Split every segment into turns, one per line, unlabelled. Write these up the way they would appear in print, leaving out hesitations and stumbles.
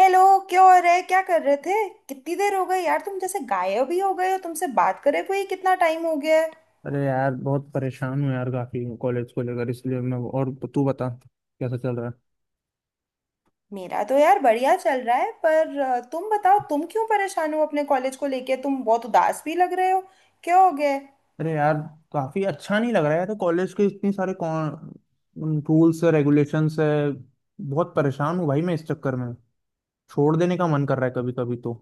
Hello. क्या हो रहा है? क्या कर रहे थे? कितनी देर हो गई यार, तुम जैसे गायब ही हो गए हो। तुमसे बात करे हुए ही कितना टाइम हो गया है।
अरे यार, बहुत परेशान हूँ यार, काफी कॉलेज को लेकर। इसलिए मैं, और तू बता कैसा चल रहा है।
मेरा तो यार बढ़िया चल रहा है, पर तुम बताओ, तुम क्यों परेशान हो अपने कॉलेज को लेके? तुम बहुत उदास भी लग रहे हो। क्या हो गया है?
अरे यार, काफी अच्छा नहीं लग रहा है यार। कॉलेज के इतने सारे कौन रूल्स है, रेगुलेशंस है। बहुत परेशान हूँ भाई मैं इस चक्कर में। छोड़ देने का मन कर रहा है कभी कभी तो।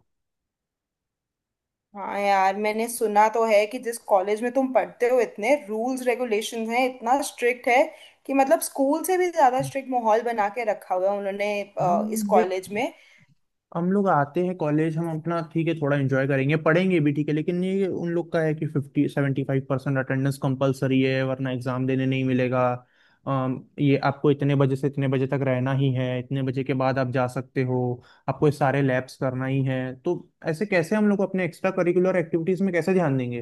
हाँ यार, मैंने सुना तो है कि जिस कॉलेज में तुम पढ़ते हो, इतने रूल्स रेगुलेशंस हैं, इतना स्ट्रिक्ट है कि मतलब स्कूल से भी ज्यादा स्ट्रिक्ट माहौल बना के रखा हुआ है उन्होंने
भाई
इस
देख,
कॉलेज में।
हम लोग आते हैं कॉलेज, हम अपना ठीक है थोड़ा एंजॉय करेंगे, पढ़ेंगे भी ठीक है, लेकिन ये उन लोग का है कि फिफ्टी 75% अटेंडेंस कंपलसरी है, वरना एग्जाम देने नहीं मिलेगा। ये आपको इतने बजे से इतने बजे तक रहना ही है, इतने बजे के बाद आप जा सकते हो। आपको ये सारे लैब्स करना ही है, तो ऐसे कैसे हम लोग अपने एक्स्ट्रा करिकुलर एक्टिविटीज में कैसे ध्यान देंगे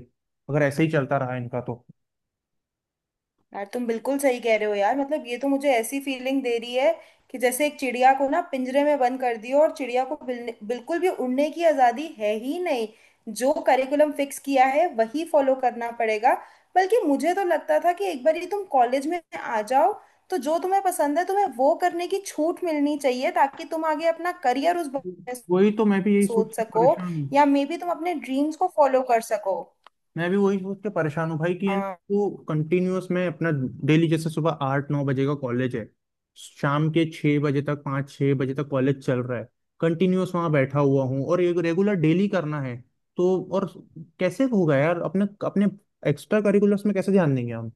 अगर ऐसे ही चलता रहा इनका तो।
यार तुम बिल्कुल सही कह रहे हो यार, मतलब ये तो मुझे ऐसी फीलिंग दे रही है कि जैसे एक चिड़िया को ना पिंजरे में बंद कर दियो, और चिड़िया को बिल्कुल भी उड़ने की आजादी है ही नहीं। जो करिकुलम फिक्स किया है वही फॉलो करना पड़ेगा। बल्कि मुझे तो लगता था कि एक बार ही तुम कॉलेज में आ जाओ, तो जो तुम्हें पसंद है, तुम्हें वो करने की छूट मिलनी चाहिए, ताकि तुम आगे अपना करियर उस बारे में
वही तो, मैं भी यही सोच
सोच
के
सको,
परेशान।
या मे बी तुम अपने ड्रीम्स को फॉलो कर सको।
मैं भी वही सोच के परेशान हूँ भाई कि यानी
हाँ।
तू कंटिन्यूअस में अपना डेली, जैसे सुबह 8-9 बजे का कॉलेज है, शाम के 6 बजे तक, 5-6 बजे तक कॉलेज चल रहा है। कंटिन्यूअस वहाँ बैठा हुआ हूँ, और एक रेगुलर डेली करना है तो और कैसे होगा यार, अपने अपने एक्स्ट्रा करिकुलर्स में कैसे ध्यान देंगे हम।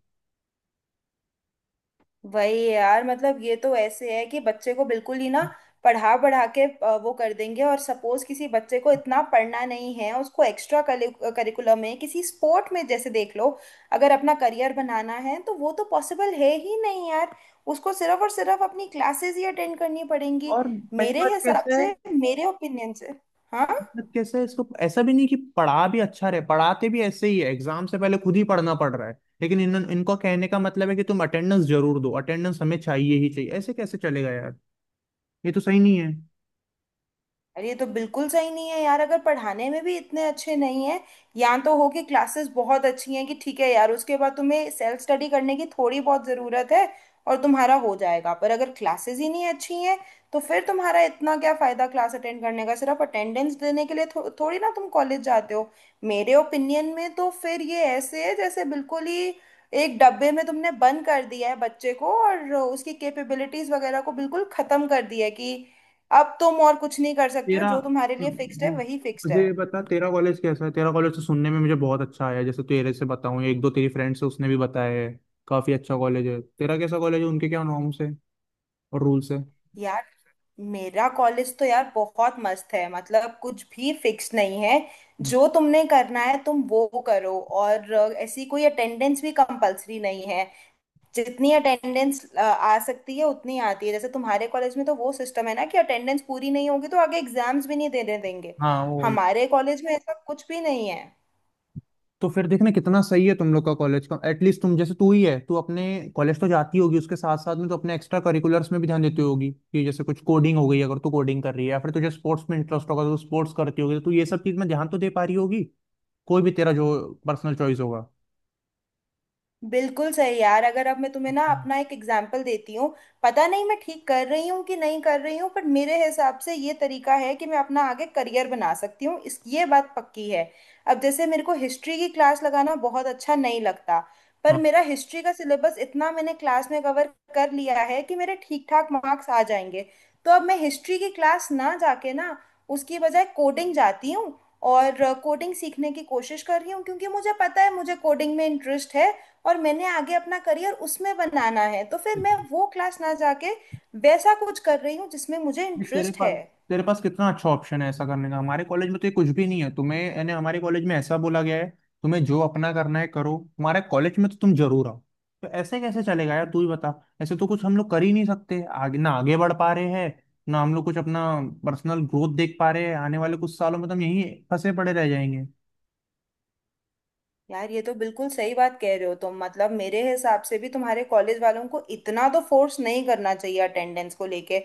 वही यार, मतलब ये तो ऐसे है कि बच्चे को बिल्कुल ही ना पढ़ा पढ़ा के वो कर देंगे। और सपोज किसी बच्चे को इतना पढ़ना नहीं है, उसको एक्स्ट्रा करिकुलम में किसी स्पोर्ट में जैसे देख लो, अगर अपना करियर बनाना है, तो वो तो पॉसिबल है ही नहीं यार। उसको सिर्फ और सिर्फ अपनी क्लासेस ही अटेंड करनी पड़ेंगी।
और पहली
मेरे
बात
हिसाब
कैसे है
से, मेरे ओपिनियन से। हाँ।
मतलब, कैसे इसको, ऐसा भी नहीं कि पढ़ा भी अच्छा रहे, पढ़ाते भी ऐसे ही है, एग्जाम से पहले खुद ही पढ़ना पड़ रहा है, लेकिन इन इनको कहने का मतलब है कि तुम अटेंडेंस जरूर दो, अटेंडेंस हमें चाहिए ही चाहिए। ऐसे कैसे चलेगा यार, ये तो सही नहीं है।
अरे ये तो बिल्कुल सही नहीं है यार, अगर पढ़ाने में भी इतने अच्छे नहीं है। या तो हो कि क्लासेस बहुत अच्छी हैं कि ठीक है यार, उसके बाद तुम्हें सेल्फ स्टडी करने की थोड़ी बहुत ज़रूरत है और तुम्हारा हो जाएगा। पर अगर क्लासेस ही नहीं अच्छी हैं, तो फिर तुम्हारा इतना क्या फ़ायदा क्लास अटेंड करने का? सिर्फ अटेंडेंस देने के लिए थोड़ी ना तुम कॉलेज जाते हो। मेरे ओपिनियन में तो फिर ये ऐसे है जैसे बिल्कुल ही एक डब्बे में तुमने बंद कर दिया है बच्चे को, और उसकी कैपेबिलिटीज़ वगैरह को बिल्कुल ख़त्म कर दिया है कि अब तुम और कुछ नहीं कर सकते हो,
तेरा
जो तुम्हारे लिए फिक्स्ड है वही फिक्स्ड
मुझे
है।
ये बता, तेरा कॉलेज कैसा है। तेरा कॉलेज तो सुनने में मुझे बहुत अच्छा आया, जैसे तेरे से बताऊं, एक दो तेरी फ्रेंड से, उसने भी बताया है काफी अच्छा कॉलेज है तेरा। कैसा कॉलेज है, उनके क्या नॉर्म्स है और रूल्स है।
यार मेरा कॉलेज तो यार बहुत मस्त है, मतलब कुछ भी फिक्स नहीं है। जो तुमने करना है तुम वो करो, और ऐसी कोई अटेंडेंस भी कंपलसरी नहीं है। जितनी अटेंडेंस आ सकती है उतनी आती है। जैसे तुम्हारे कॉलेज में तो वो सिस्टम है ना कि अटेंडेंस पूरी नहीं होगी तो आगे एग्जाम्स भी नहीं देने देंगे।
हाँ वो।
हमारे कॉलेज में ऐसा कुछ भी नहीं है।
तो फिर देखना कितना सही है तुम लोग का कॉलेज का। एटलीस्ट तुम, जैसे तू ही है, तू अपने कॉलेज तो जाती होगी, उसके साथ साथ में तो अपने एक्स्ट्रा करिकुलर्स में भी ध्यान देती होगी कि जैसे कुछ कोडिंग हो गई, अगर तू कोडिंग कर रही है, या फिर तुझे स्पोर्ट्स में इंटरेस्ट होगा तो स्पोर्ट्स करती होगी, तो तू ये सब चीज में ध्यान तो दे पा रही होगी, कोई भी तेरा जो पर्सनल चॉइस होगा।
बिल्कुल सही यार। अगर अब मैं तुम्हें ना अपना एक एग्जाम्पल देती हूँ, पता नहीं मैं ठीक कर रही हूँ कि नहीं कर रही हूँ, पर मेरे हिसाब से ये तरीका है कि मैं अपना आगे करियर बना सकती हूँ, इस ये बात पक्की है। अब जैसे मेरे को हिस्ट्री की क्लास लगाना बहुत अच्छा नहीं लगता, पर
हाँ,
मेरा हिस्ट्री का सिलेबस इतना मैंने क्लास में कवर कर लिया है कि मेरे ठीक ठाक मार्क्स आ जाएंगे। तो अब मैं हिस्ट्री की क्लास ना जाके, ना उसकी बजाय कोडिंग जाती हूँ, और कोडिंग सीखने की कोशिश कर रही हूँ, क्योंकि मुझे पता है मुझे कोडिंग में इंटरेस्ट है और मैंने आगे अपना करियर उसमें बनाना है। तो फिर मैं वो क्लास ना जाके वैसा कुछ कर रही हूँ जिसमें मुझे
देख, तेरे
इंटरेस्ट है।
पास तेरे पास कितना अच्छा ऑप्शन है ऐसा करने का। हमारे कॉलेज में तो ये कुछ भी नहीं है तुम्हें, यानी हमारे कॉलेज में ऐसा बोला गया है तुम्हें जो अपना करना है करो, हमारे कॉलेज में तो तुम जरूर आओ। तो ऐसे कैसे चलेगा यार, तू ही बता। ऐसे तो कुछ हम लोग कर ही नहीं सकते, आगे ना आगे बढ़ पा रहे हैं, ना हम लोग कुछ अपना पर्सनल ग्रोथ देख पा रहे हैं। आने वाले कुछ सालों में तो हम यहीं फंसे पड़े रह जाएंगे।
यार ये तो बिल्कुल सही बात कह रहे हो तुम, मतलब मेरे हिसाब से भी तुम्हारे कॉलेज वालों को इतना तो फोर्स नहीं करना चाहिए अटेंडेंस को लेके।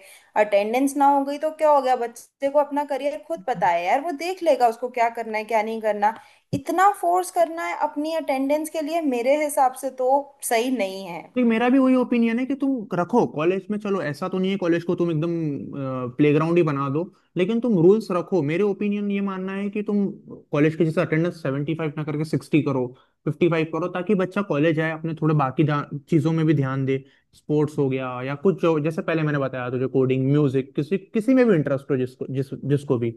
अटेंडेंस ना हो गई तो क्या हो गया? बच्चे को अपना करियर खुद पता है यार, वो देख लेगा उसको क्या करना है क्या नहीं करना। इतना फोर्स करना है अपनी अटेंडेंस के लिए, मेरे हिसाब से तो सही नहीं है।
नहीं, मेरा भी वही ओपिनियन है कि तुम रखो कॉलेज में, चलो ऐसा तो नहीं है कॉलेज को तुम एकदम प्लेग्राउंड ही बना दो, लेकिन तुम रूल्स रखो। मेरे ओपिनियन ये मानना है कि तुम कॉलेज के जैसे अटेंडेंस 75 ना करके 60 करो, 55 करो, ताकि बच्चा कॉलेज आए, अपने थोड़े बाकी चीजों में भी ध्यान दे। स्पोर्ट्स हो गया, या कुछ जो जैसे पहले मैंने बताया तुझे, कोडिंग, म्यूजिक, किसी किसी में भी इंटरेस्ट हो, जिसको जिसको भी।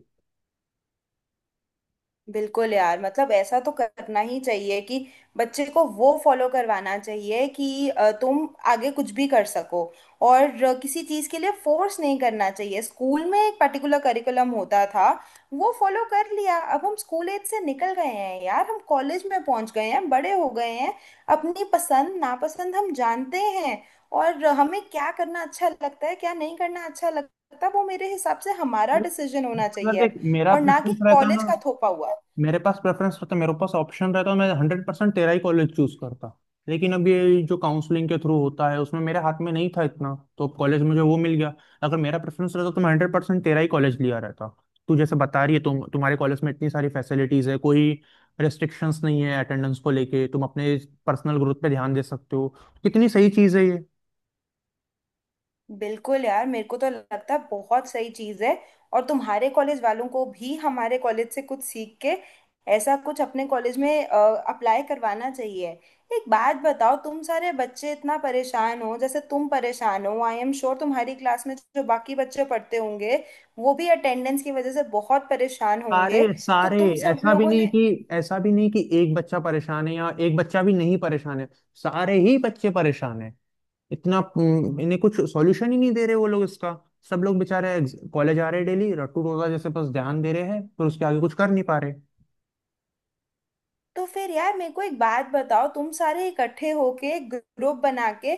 बिल्कुल यार, मतलब ऐसा तो करना ही चाहिए कि बच्चे को वो फॉलो करवाना चाहिए कि तुम आगे कुछ भी कर सको, और किसी चीज़ के लिए फोर्स नहीं करना चाहिए। स्कूल में एक पर्टिकुलर करिकुलम होता था, वो फॉलो कर लिया। अब हम स्कूल एज से निकल गए हैं यार, हम कॉलेज में पहुंच गए हैं, बड़े हो गए हैं। अपनी पसंद नापसंद हम जानते हैं, और हमें क्या करना अच्छा लगता है क्या नहीं करना अच्छा लगता, वो मेरे हिसाब से हमारा डिसीजन होना
अगर
चाहिए
देख,
अब,
मेरा
और ना कि
प्रेफरेंस रहता ना,
कॉलेज का थोपा हुआ।
मेरे पास प्रेफरेंस होता, मेरे पास ऑप्शन रहता, मैं 100% तेरा ही कॉलेज चूज करता, लेकिन अब ये जो काउंसलिंग के थ्रू होता है उसमें मेरे हाथ में नहीं था इतना, तो अब कॉलेज मुझे वो मिल गया। अगर मेरा प्रेफरेंस रहता तो मैं 100% तेरा ही कॉलेज लिया रहता। तू जैसे बता रही है, तुम्हारे कॉलेज में इतनी सारी फैसिलिटीज है, कोई रिस्ट्रिक्शंस नहीं है अटेंडेंस को लेके, तुम अपने पर्सनल ग्रोथ पे ध्यान दे सकते हो, कितनी सही चीज़ है ये।
बिल्कुल यार, मेरे को तो लगता है बहुत सही चीज़ है, और तुम्हारे कॉलेज वालों को भी हमारे कॉलेज से कुछ सीख के ऐसा कुछ अपने कॉलेज में अप्लाई करवाना चाहिए। एक बात बताओ, तुम सारे बच्चे इतना परेशान हो जैसे तुम परेशान हो? आई एम श्योर तुम्हारी क्लास में जो बाकी बच्चे पढ़ते होंगे वो भी अटेंडेंस की वजह से बहुत परेशान होंगे।
सारे
तो
सारे,
तुम सब
ऐसा भी
लोगों
नहीं
ने,
कि एक बच्चा परेशान है या एक बच्चा भी नहीं परेशान है, सारे ही बच्चे परेशान है इतना। इन्हें कुछ सॉल्यूशन ही नहीं दे रहे वो लोग इसका। सब लोग बेचारे कॉलेज आ रहे डेली, रट्टू रोजा जैसे बस ध्यान दे रहे हैं, पर उसके आगे कुछ कर नहीं पा रहे।
तो फिर यार मेरे को एक बात बताओ, तुम सारे इकट्ठे होके एक ग्रुप बना के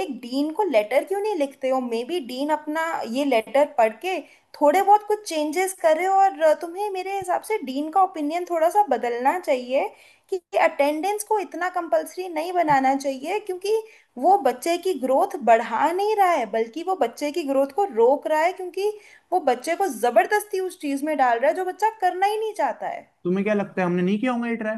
एक डीन को लेटर क्यों नहीं लिखते हो? मे बी डीन अपना ये लेटर पढ़ के थोड़े बहुत कुछ चेंजेस करे, और तुम्हें मेरे हिसाब से डीन का ओपिनियन थोड़ा सा बदलना चाहिए कि अटेंडेंस को इतना कंपलसरी नहीं बनाना चाहिए, क्योंकि वो बच्चे की ग्रोथ बढ़ा नहीं रहा है, बल्कि वो बच्चे की ग्रोथ को रोक रहा है, क्योंकि वो बच्चे को जबरदस्ती उस चीज में डाल रहा है जो बच्चा करना ही नहीं चाहता है।
तुम्हें क्या लगता है, हमने नहीं किया होगा ये ट्राई?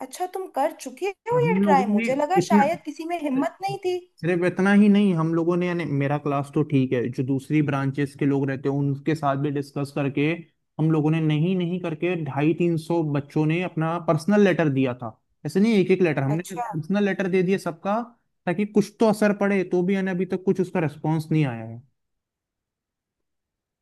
अच्छा, तुम कर चुके हो
हम
ये
लोगों
ट्राई?
ने
मुझे लगा
इतना
शायद किसी में हिम्मत नहीं थी।
सिर्फ इतना ही नहीं, हम लोगों ने, यानी मेरा क्लास तो ठीक है, जो दूसरी ब्रांचेस के लोग रहते हैं उनके साथ भी डिस्कस करके हम लोगों ने, नहीं नहीं करके 250-300 बच्चों ने अपना पर्सनल लेटर दिया था। ऐसे नहीं, एक एक लेटर हमने
अच्छा।
पर्सनल लेटर दे दिया सबका, ताकि कुछ तो असर पड़े, तो भी यानी अभी तक कुछ उसका रिस्पॉन्स नहीं आया है।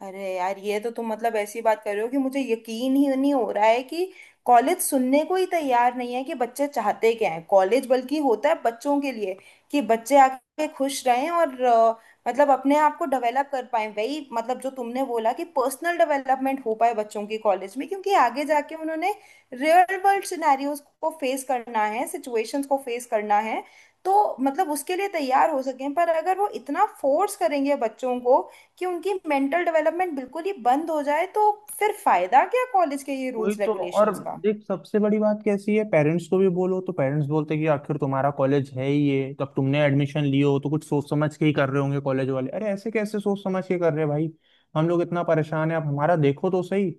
अरे यार, ये तो तुम मतलब ऐसी बात कर रहे हो कि मुझे यकीन ही नहीं हो रहा है कि कॉलेज सुनने को ही तैयार नहीं है कि बच्चे चाहते क्या हैं। कॉलेज बल्कि होता है बच्चों के लिए कि बच्चे आके खुश रहें और मतलब अपने आप को डेवलप कर पाए, वही मतलब जो तुमने बोला कि पर्सनल डेवलपमेंट हो पाए बच्चों की कॉलेज में, क्योंकि आगे जाके उन्होंने रियल वर्ल्ड सिनेरियोज को फेस करना है, सिचुएशंस को फेस करना है, तो मतलब उसके लिए तैयार हो सकें। पर अगर वो इतना फोर्स करेंगे बच्चों को कि उनकी मेंटल डेवलपमेंट बिल्कुल ही बंद हो जाए, तो फिर फायदा क्या कॉलेज के ये
वही
रूल्स
तो। और
रेगुलेशंस का?
देख, सबसे बड़ी बात कैसी है, पेरेंट्स को भी बोलो तो पेरेंट्स बोलते हैं कि आखिर तुम्हारा कॉलेज है ही ये, तब तुमने एडमिशन लियो हो, तो कुछ सोच समझ के ही कर रहे होंगे कॉलेज वाले। अरे ऐसे कैसे सोच समझ के कर रहे हैं भाई, हम लोग इतना परेशान है, आप हमारा देखो तो सही।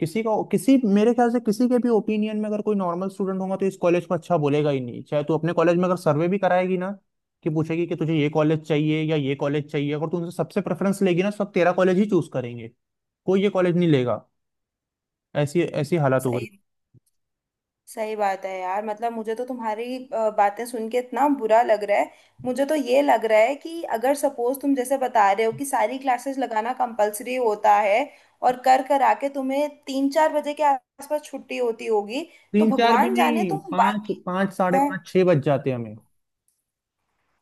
किसी, मेरे ख्याल से किसी के भी ओपिनियन में, अगर कोई नॉर्मल स्टूडेंट होगा तो इस कॉलेज को अच्छा बोलेगा ही नहीं। चाहे तू अपने कॉलेज में अगर सर्वे भी कराएगी ना, कि पूछेगी कि तुझे ये कॉलेज चाहिए या ये कॉलेज चाहिए, अगर तू उनसे सबसे प्रेफरेंस लेगी ना, तो सब तेरा कॉलेज ही चूज करेंगे, कोई ये कॉलेज नहीं लेगा। ऐसी ऐसी हालत हो गई।
सही। सही बात है यार, मतलब मुझे तो तुम्हारी बातें सुन के इतना बुरा लग रहा है। मुझे तो ये लग रहा है कि अगर सपोज तुम जैसे बता रहे हो कि सारी क्लासेस लगाना कंपलसरी होता है और कर कर आके तुम्हें 3-4 बजे के आसपास छुट्टी होती होगी, तो
3-4 भी
भगवान जाने
नहीं,
तुम
पाँच,
बाकी।
पाँच साढ़े पाँच, छह बज जाते हैं हमें।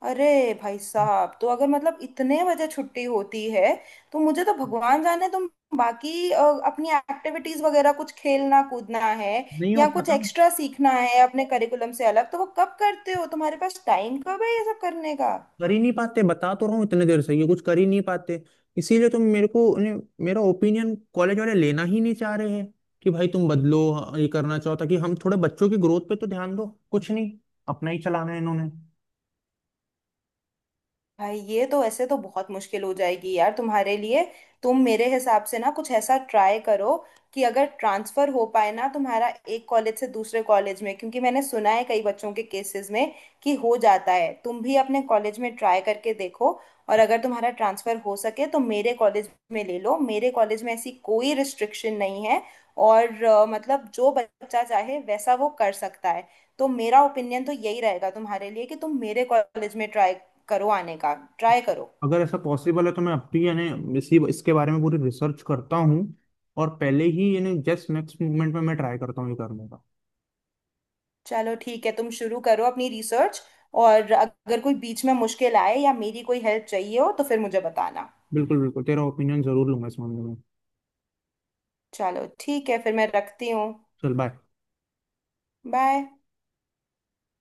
अरे भाई साहब, तो अगर मतलब इतने बजे छुट्टी होती है, तो मुझे तो भगवान जाने तुम बाकी अपनी एक्टिविटीज वगैरह कुछ खेलना कूदना है
नहीं हो
या कुछ
पाता ना,
एक्स्ट्रा सीखना है अपने करिकुलम से अलग, तो वो कब करते हो? तुम्हारे पास टाइम कब है ये सब करने का?
कर ही नहीं पाते, बता तो रहा हूँ इतने देर से, ये कुछ कर ही नहीं पाते। इसीलिए तुम, मेरे को मेरा ओपिनियन कॉलेज वाले लेना ही नहीं चाह रहे हैं कि भाई तुम बदलो ये, करना चाहो ताकि हम, थोड़े बच्चों की ग्रोथ पे तो ध्यान दो, कुछ नहीं, अपना ही चलाना है इन्होंने।
भाई ये तो ऐसे तो बहुत मुश्किल हो जाएगी यार तुम्हारे लिए। तुम मेरे हिसाब से ना कुछ ऐसा ट्राई करो कि अगर ट्रांसफर हो पाए ना तुम्हारा एक कॉलेज से दूसरे कॉलेज में, क्योंकि मैंने सुना है कई बच्चों के केसेस में कि हो जाता है। तुम भी अपने कॉलेज में ट्राई करके देखो, और अगर तुम्हारा ट्रांसफर हो सके तो मेरे कॉलेज में ले लो। मेरे कॉलेज में ऐसी कोई रिस्ट्रिक्शन नहीं है, और मतलब जो बच्चा चाहे वैसा वो कर सकता है। तो मेरा ओपिनियन तो यही रहेगा तुम्हारे लिए कि तुम मेरे कॉलेज में ट्राई करो आने का। ट्राई करो।
अगर ऐसा पॉसिबल है तो मैं अब भी, यानी इसी इसके बारे में पूरी रिसर्च करता हूँ, और पहले ही यानी जस्ट नेक्स्ट मूवमेंट में मैं ट्राई करता हूँ ये करने का।
चलो ठीक है, तुम शुरू करो अपनी रिसर्च। और अगर कोई बीच में मुश्किल आए या मेरी कोई हेल्प चाहिए हो तो फिर मुझे बताना।
बिल्कुल बिल्कुल, तेरा ओपिनियन जरूर लूंगा इस मामले में।
चलो ठीक है, फिर मैं रखती हूँ।
चल, बाय।
बाय।